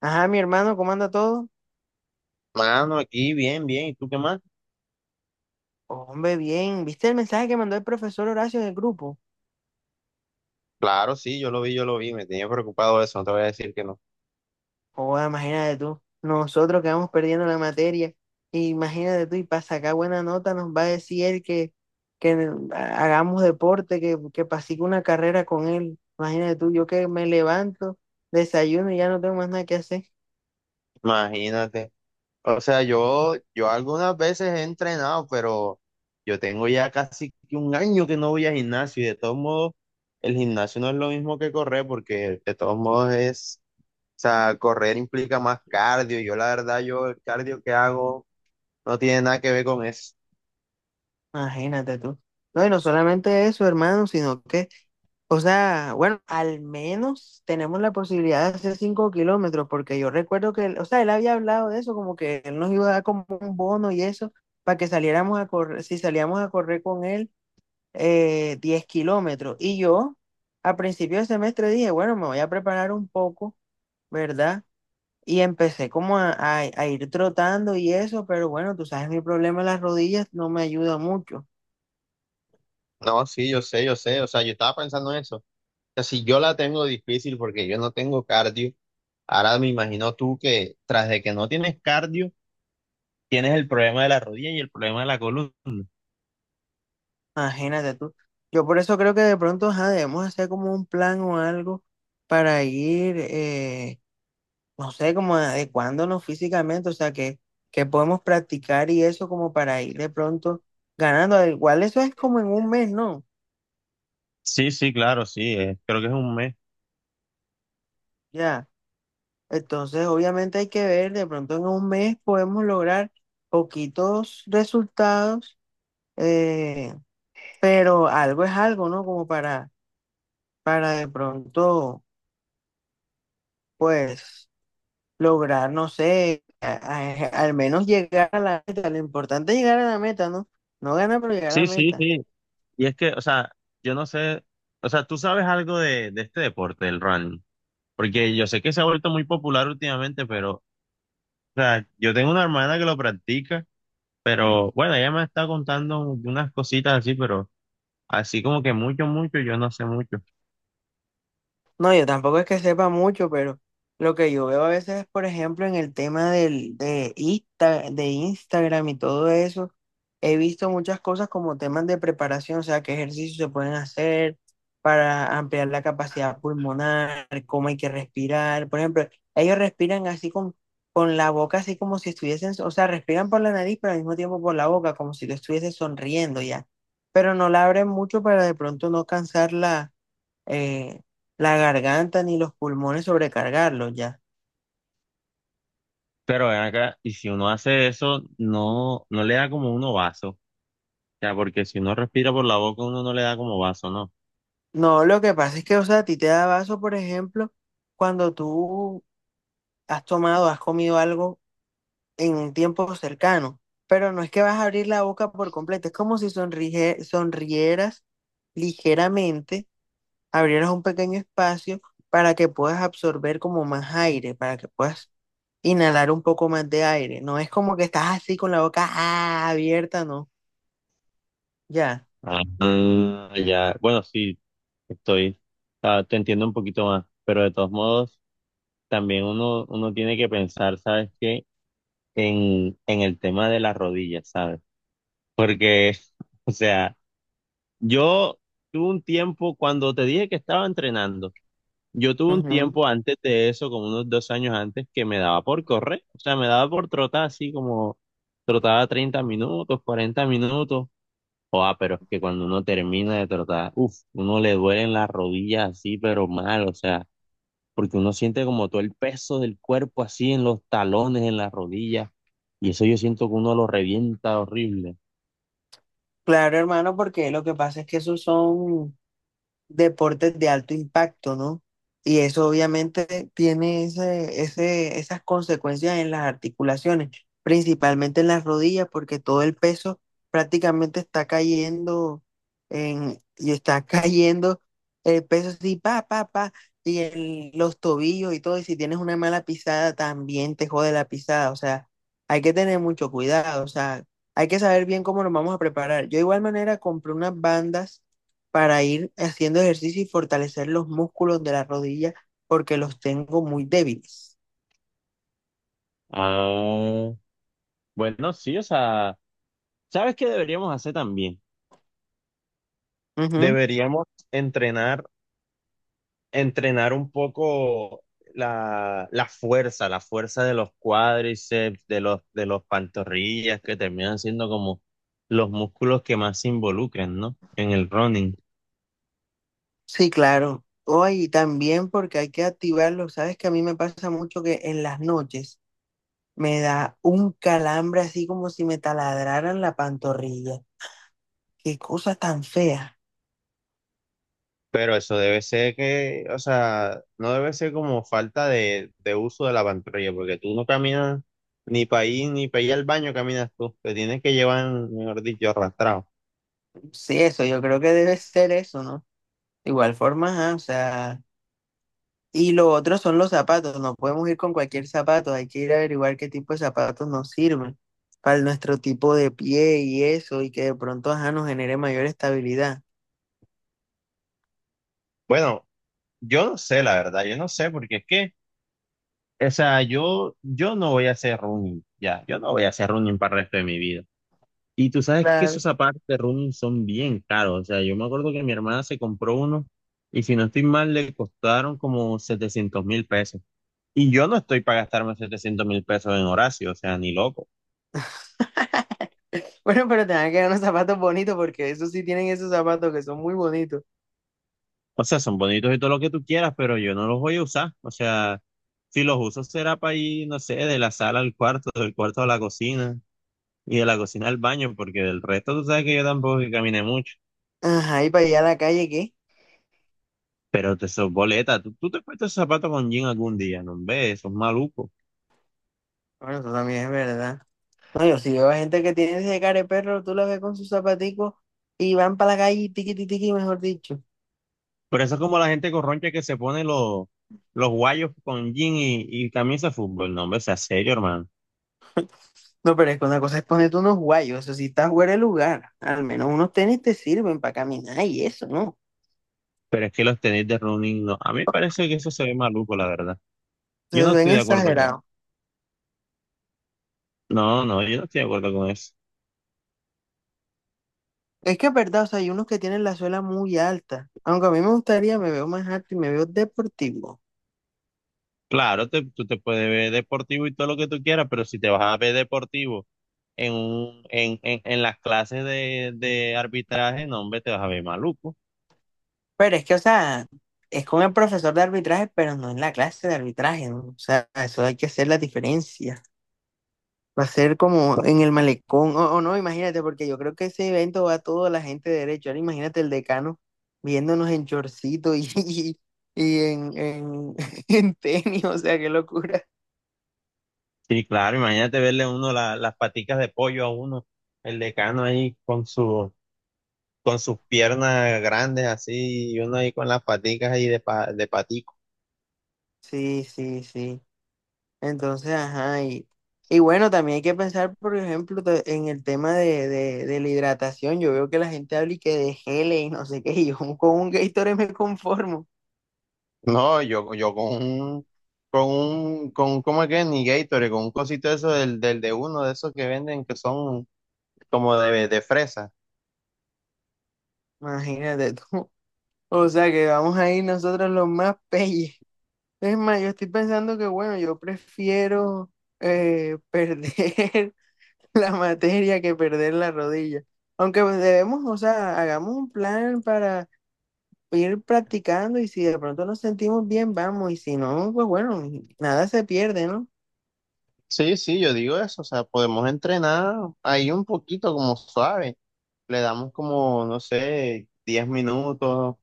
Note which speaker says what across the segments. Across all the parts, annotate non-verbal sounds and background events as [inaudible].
Speaker 1: Ajá, mi hermano, ¿cómo anda todo?
Speaker 2: Mano, aquí bien, bien. ¿Y tú qué más?
Speaker 1: Hombre, bien. ¿Viste el mensaje que mandó el profesor Horacio en el grupo?
Speaker 2: Claro, sí, yo lo vi, yo lo vi. Me tenía preocupado eso, no te voy a decir que no.
Speaker 1: Joder, imagínate tú. Nosotros que vamos perdiendo la materia. Imagínate tú, y para sacar buena nota nos va a decir él que hagamos deporte, que pasigue una carrera con él. Imagínate tú, yo que me levanto, desayuno y ya no tengo más nada que hacer.
Speaker 2: Imagínate. O sea, yo algunas veces he entrenado, pero yo tengo ya casi que un año que no voy al gimnasio y de todos modos, el gimnasio no es lo mismo que correr porque de todos modos es, o sea, correr implica más cardio. Y yo la verdad, yo el cardio que hago no tiene nada que ver con eso.
Speaker 1: Imagínate tú. No, y no solamente eso, hermano, sino que, o sea, bueno, al menos tenemos la posibilidad de hacer 5 kilómetros, porque yo recuerdo que, o sea, él había hablado de eso, como que él nos iba a dar como un bono y eso, para que saliéramos a correr, si salíamos a correr con él, 10 kilómetros. Y yo, a principio de semestre, dije, bueno, me voy a preparar un poco, ¿verdad? Y empecé como a ir trotando y eso, pero bueno, tú sabes, mi problema en las rodillas no me ayuda mucho.
Speaker 2: No, sí, yo sé, yo sé. O sea, yo estaba pensando en eso. O sea, si yo la tengo difícil porque yo no tengo cardio. Ahora me imagino tú que tras de que no tienes cardio, tienes el problema de la rodilla y el problema de la columna.
Speaker 1: Imagínate tú. Yo por eso creo que de pronto ajá, debemos hacer como un plan o algo para ir, no sé, como adecuándonos físicamente, o sea, que podemos practicar y eso como para ir de pronto ganando. Al igual eso es como en un mes, ¿no?
Speaker 2: Sí, sí, claro, sí, creo que es un mes.
Speaker 1: Ya. Entonces, obviamente hay que ver, de pronto en un mes podemos lograr poquitos resultados, eh, pero algo es algo, ¿no? Como para de pronto, pues lograr, no sé, al menos llegar a la meta. Lo importante es llegar a la meta, ¿no? No ganar, pero llegar a la
Speaker 2: Sí, sí,
Speaker 1: meta.
Speaker 2: sí. Y es que, o sea, yo no sé, o sea, tú sabes algo de este deporte, del running, porque yo sé que se ha vuelto muy popular últimamente, pero, o sea, yo tengo una hermana que lo practica, pero bueno, ella me está contando unas cositas así, pero así como que mucho, mucho, yo no sé mucho.
Speaker 1: No, yo tampoco es que sepa mucho, pero lo que yo veo a veces, por ejemplo, en el tema del, de, de Instagram y todo eso, he visto muchas cosas como temas de preparación, o sea, qué ejercicios se pueden hacer para ampliar la capacidad pulmonar, cómo hay que respirar. Por ejemplo, ellos respiran así con la boca, así como si estuviesen, o sea, respiran por la nariz, pero al mismo tiempo por la boca, como si lo estuviese sonriendo ya. Pero no la abren mucho para de pronto no cansar la eh, la garganta ni los pulmones sobrecargarlos ya.
Speaker 2: Pero ven acá, y si uno hace eso, no, no le da como uno vaso. Ya, porque si uno respira por la boca, uno no le da como vaso, ¿no?
Speaker 1: No, lo que pasa es que, o sea, a ti te da vaso, por ejemplo, cuando tú has tomado, has comido algo en un tiempo cercano, pero no es que vas a abrir la boca por completo, es como si sonrieras ligeramente, abrieras un pequeño espacio para que puedas absorber como más aire, para que puedas inhalar un poco más de aire. No es como que estás así con la boca abierta, no, ya.
Speaker 2: Ah, ah, ya. Bueno, sí, estoy, ah, te entiendo un poquito más, pero de todos modos, también uno tiene que pensar, ¿sabes qué? En el tema de las rodillas, ¿sabes? Porque, [laughs] o sea, yo tuve un tiempo, cuando te dije que estaba entrenando, yo tuve un
Speaker 1: Ujú.
Speaker 2: tiempo antes de eso, como unos 2 años antes, que me daba por correr, o sea, me daba por trotar así como trotaba 30 minutos, 40 minutos. Joa, pero es que cuando uno termina de trotar, uff, uno le duelen las rodillas así, pero mal, o sea, porque uno siente como todo el peso del cuerpo así en los talones, en las rodillas, y eso yo siento que uno lo revienta horrible.
Speaker 1: Claro, hermano, porque lo que pasa es que esos son deportes de alto impacto, ¿no? Y eso obviamente tiene esas consecuencias en las articulaciones, principalmente en las rodillas, porque todo el peso prácticamente está cayendo en, y está [laughs] cayendo el peso así, pa, pa, pa, y en los tobillos y todo, y si tienes una mala pisada, también te jode la pisada, o sea, hay que tener mucho cuidado, o sea, hay que saber bien cómo nos vamos a preparar. Yo de igual manera compré unas bandas para ir haciendo ejercicio y fortalecer los músculos de la rodilla porque los tengo muy débiles.
Speaker 2: Ah, bueno, sí, o sea, ¿sabes qué deberíamos hacer también?
Speaker 1: Ujú.
Speaker 2: Deberíamos entrenar entrenar un poco la fuerza, la fuerza de los cuádriceps, de los pantorrillas, que terminan siendo como los músculos que más se involucran, ¿no? En el running.
Speaker 1: Sí, claro. Hoy también porque hay que activarlos. Sabes que a mí me pasa mucho que en las noches me da un calambre así como si me taladraran la pantorrilla. Qué cosa tan fea.
Speaker 2: Pero eso debe ser que, o sea, no debe ser como falta de uso de la pantorrilla, porque tú no caminas ni para ir al baño caminas tú, te tienes que llevar, mejor dicho, arrastrado.
Speaker 1: Sí, eso, yo creo que debe ser eso, ¿no? De igual forma, ajá, o sea, y lo otro son los zapatos. No podemos ir con cualquier zapato. Hay que ir a averiguar qué tipo de zapatos nos sirven para nuestro tipo de pie y eso, y que de pronto, ajá, nos genere mayor estabilidad.
Speaker 2: Bueno, yo no sé, la verdad, yo no sé, porque es que. O sea, yo no voy a hacer running, ya, yo no voy a hacer running para el resto de mi vida. Y tú sabes que
Speaker 1: Claro.
Speaker 2: esos zapatos de running son bien caros, o sea, yo me acuerdo que mi hermana se compró uno y si no estoy mal le costaron como 700.000 pesos. Y yo no estoy para gastarme 700.000 pesos en Horacio, o sea, ni loco.
Speaker 1: [laughs] Bueno, pero tengan que dar unos zapatos bonitos porque esos sí tienen esos zapatos que son muy bonitos.
Speaker 2: O sea, son bonitos y todo lo que tú quieras, pero yo no los voy a usar. O sea, si los uso será para ir, no sé, de la sala al cuarto, del cuarto a la cocina y de la cocina al baño, porque del resto tú sabes que yo tampoco es que camine mucho.
Speaker 1: Ajá, ¿y para allá a la calle, qué?
Speaker 2: Pero te sos boleta. Tú te puesto esos zapatos con jean algún día, no ves, sos maluco.
Speaker 1: Bueno, eso también es verdad. No, yo sí veo a gente que tiene ese care perro, tú la ves con sus zapaticos y van para la calle, tiqui, tiqui, tiqui, mejor dicho.
Speaker 2: Pero eso es como la gente corroncha que se pone los guayos con jean y camisa de fútbol. No, hombre, sea serio, hermano.
Speaker 1: No, pero es que una cosa es ponerte unos guayos, eso sea, si estás fuera de lugar, al menos unos tenis te sirven para caminar y eso, ¿no?
Speaker 2: Pero es que los tenis de running, no. A mí me parece que eso se ve maluco, la verdad. Yo
Speaker 1: Se
Speaker 2: no
Speaker 1: ven
Speaker 2: estoy de acuerdo con.
Speaker 1: exagerados.
Speaker 2: No, no, yo no estoy de acuerdo con eso.
Speaker 1: Es que es verdad, o sea, hay unos que tienen la suela muy alta, aunque a mí me gustaría, me veo más alto y me veo deportivo.
Speaker 2: Claro, tú te puedes ver deportivo y todo lo que tú quieras, pero si te vas a ver deportivo en, un, en las clases de arbitraje, no, hombre, te vas a ver maluco.
Speaker 1: Pero es que, o sea, es con el profesor de arbitraje, pero no en la clase de arbitraje, ¿no? O sea, eso hay que hacer la diferencia. Va a ser como en el malecón, o no, imagínate, porque yo creo que ese evento va a toda la gente de derecho. Ahora imagínate el decano viéndonos en chorcito y en, [laughs] en tenis, o sea, qué locura.
Speaker 2: Sí, claro, imagínate verle uno las paticas de pollo a uno, el decano ahí con sus piernas grandes así, y uno ahí con las paticas ahí de patico.
Speaker 1: Sí, sí, sí. Entonces, ajá, y bueno, también hay que pensar, por ejemplo, en el tema de la hidratación. Yo veo que la gente habla y que de geles y no sé qué, y yo [laughs] con un Gatorade me conformo.
Speaker 2: No, yo con ¿cómo es que? Ni Gatorade, con un cosito de eso del de uno de esos que venden que son como de fresa.
Speaker 1: Imagínate tú. O sea, que vamos a ir nosotros los más peyes. Es más, yo estoy pensando que, bueno, yo prefiero perder [laughs] la materia que perder la rodilla. Aunque pues, debemos, o sea, hagamos un plan para ir practicando y si de pronto nos sentimos bien, vamos. Y si no, pues bueno, nada se pierde, ¿no?
Speaker 2: Sí, sí, yo digo eso, o sea, podemos entrenar ahí un poquito como suave. Le damos como, no sé, diez minutos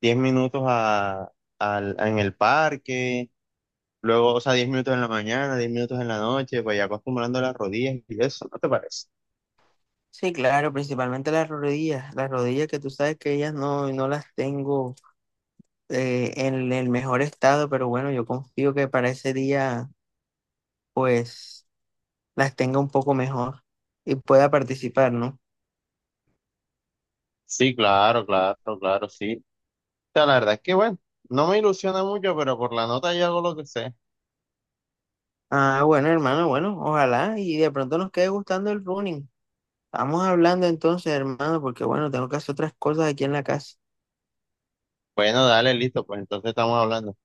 Speaker 2: diez minutos en el parque, luego, o sea, 10 minutos en la mañana, 10 minutos en la noche, vaya acostumbrando las rodillas y eso, ¿no te parece?
Speaker 1: Sí, claro, principalmente las rodillas. Las rodillas que tú sabes que ellas no, no las tengo en el mejor estado, pero bueno, yo confío que para ese día, pues, las tenga un poco mejor y pueda participar, ¿no?
Speaker 2: Sí, claro, claro, claro, sí. O sea, la verdad es que, bueno, no me ilusiona mucho, pero por la nota yo hago lo que sé.
Speaker 1: Ah, bueno, hermano, bueno, ojalá y de pronto nos quede gustando el running. Vamos hablando entonces, hermano, porque bueno, tengo que hacer otras cosas aquí en la casa.
Speaker 2: Bueno, dale, listo, pues entonces estamos hablando.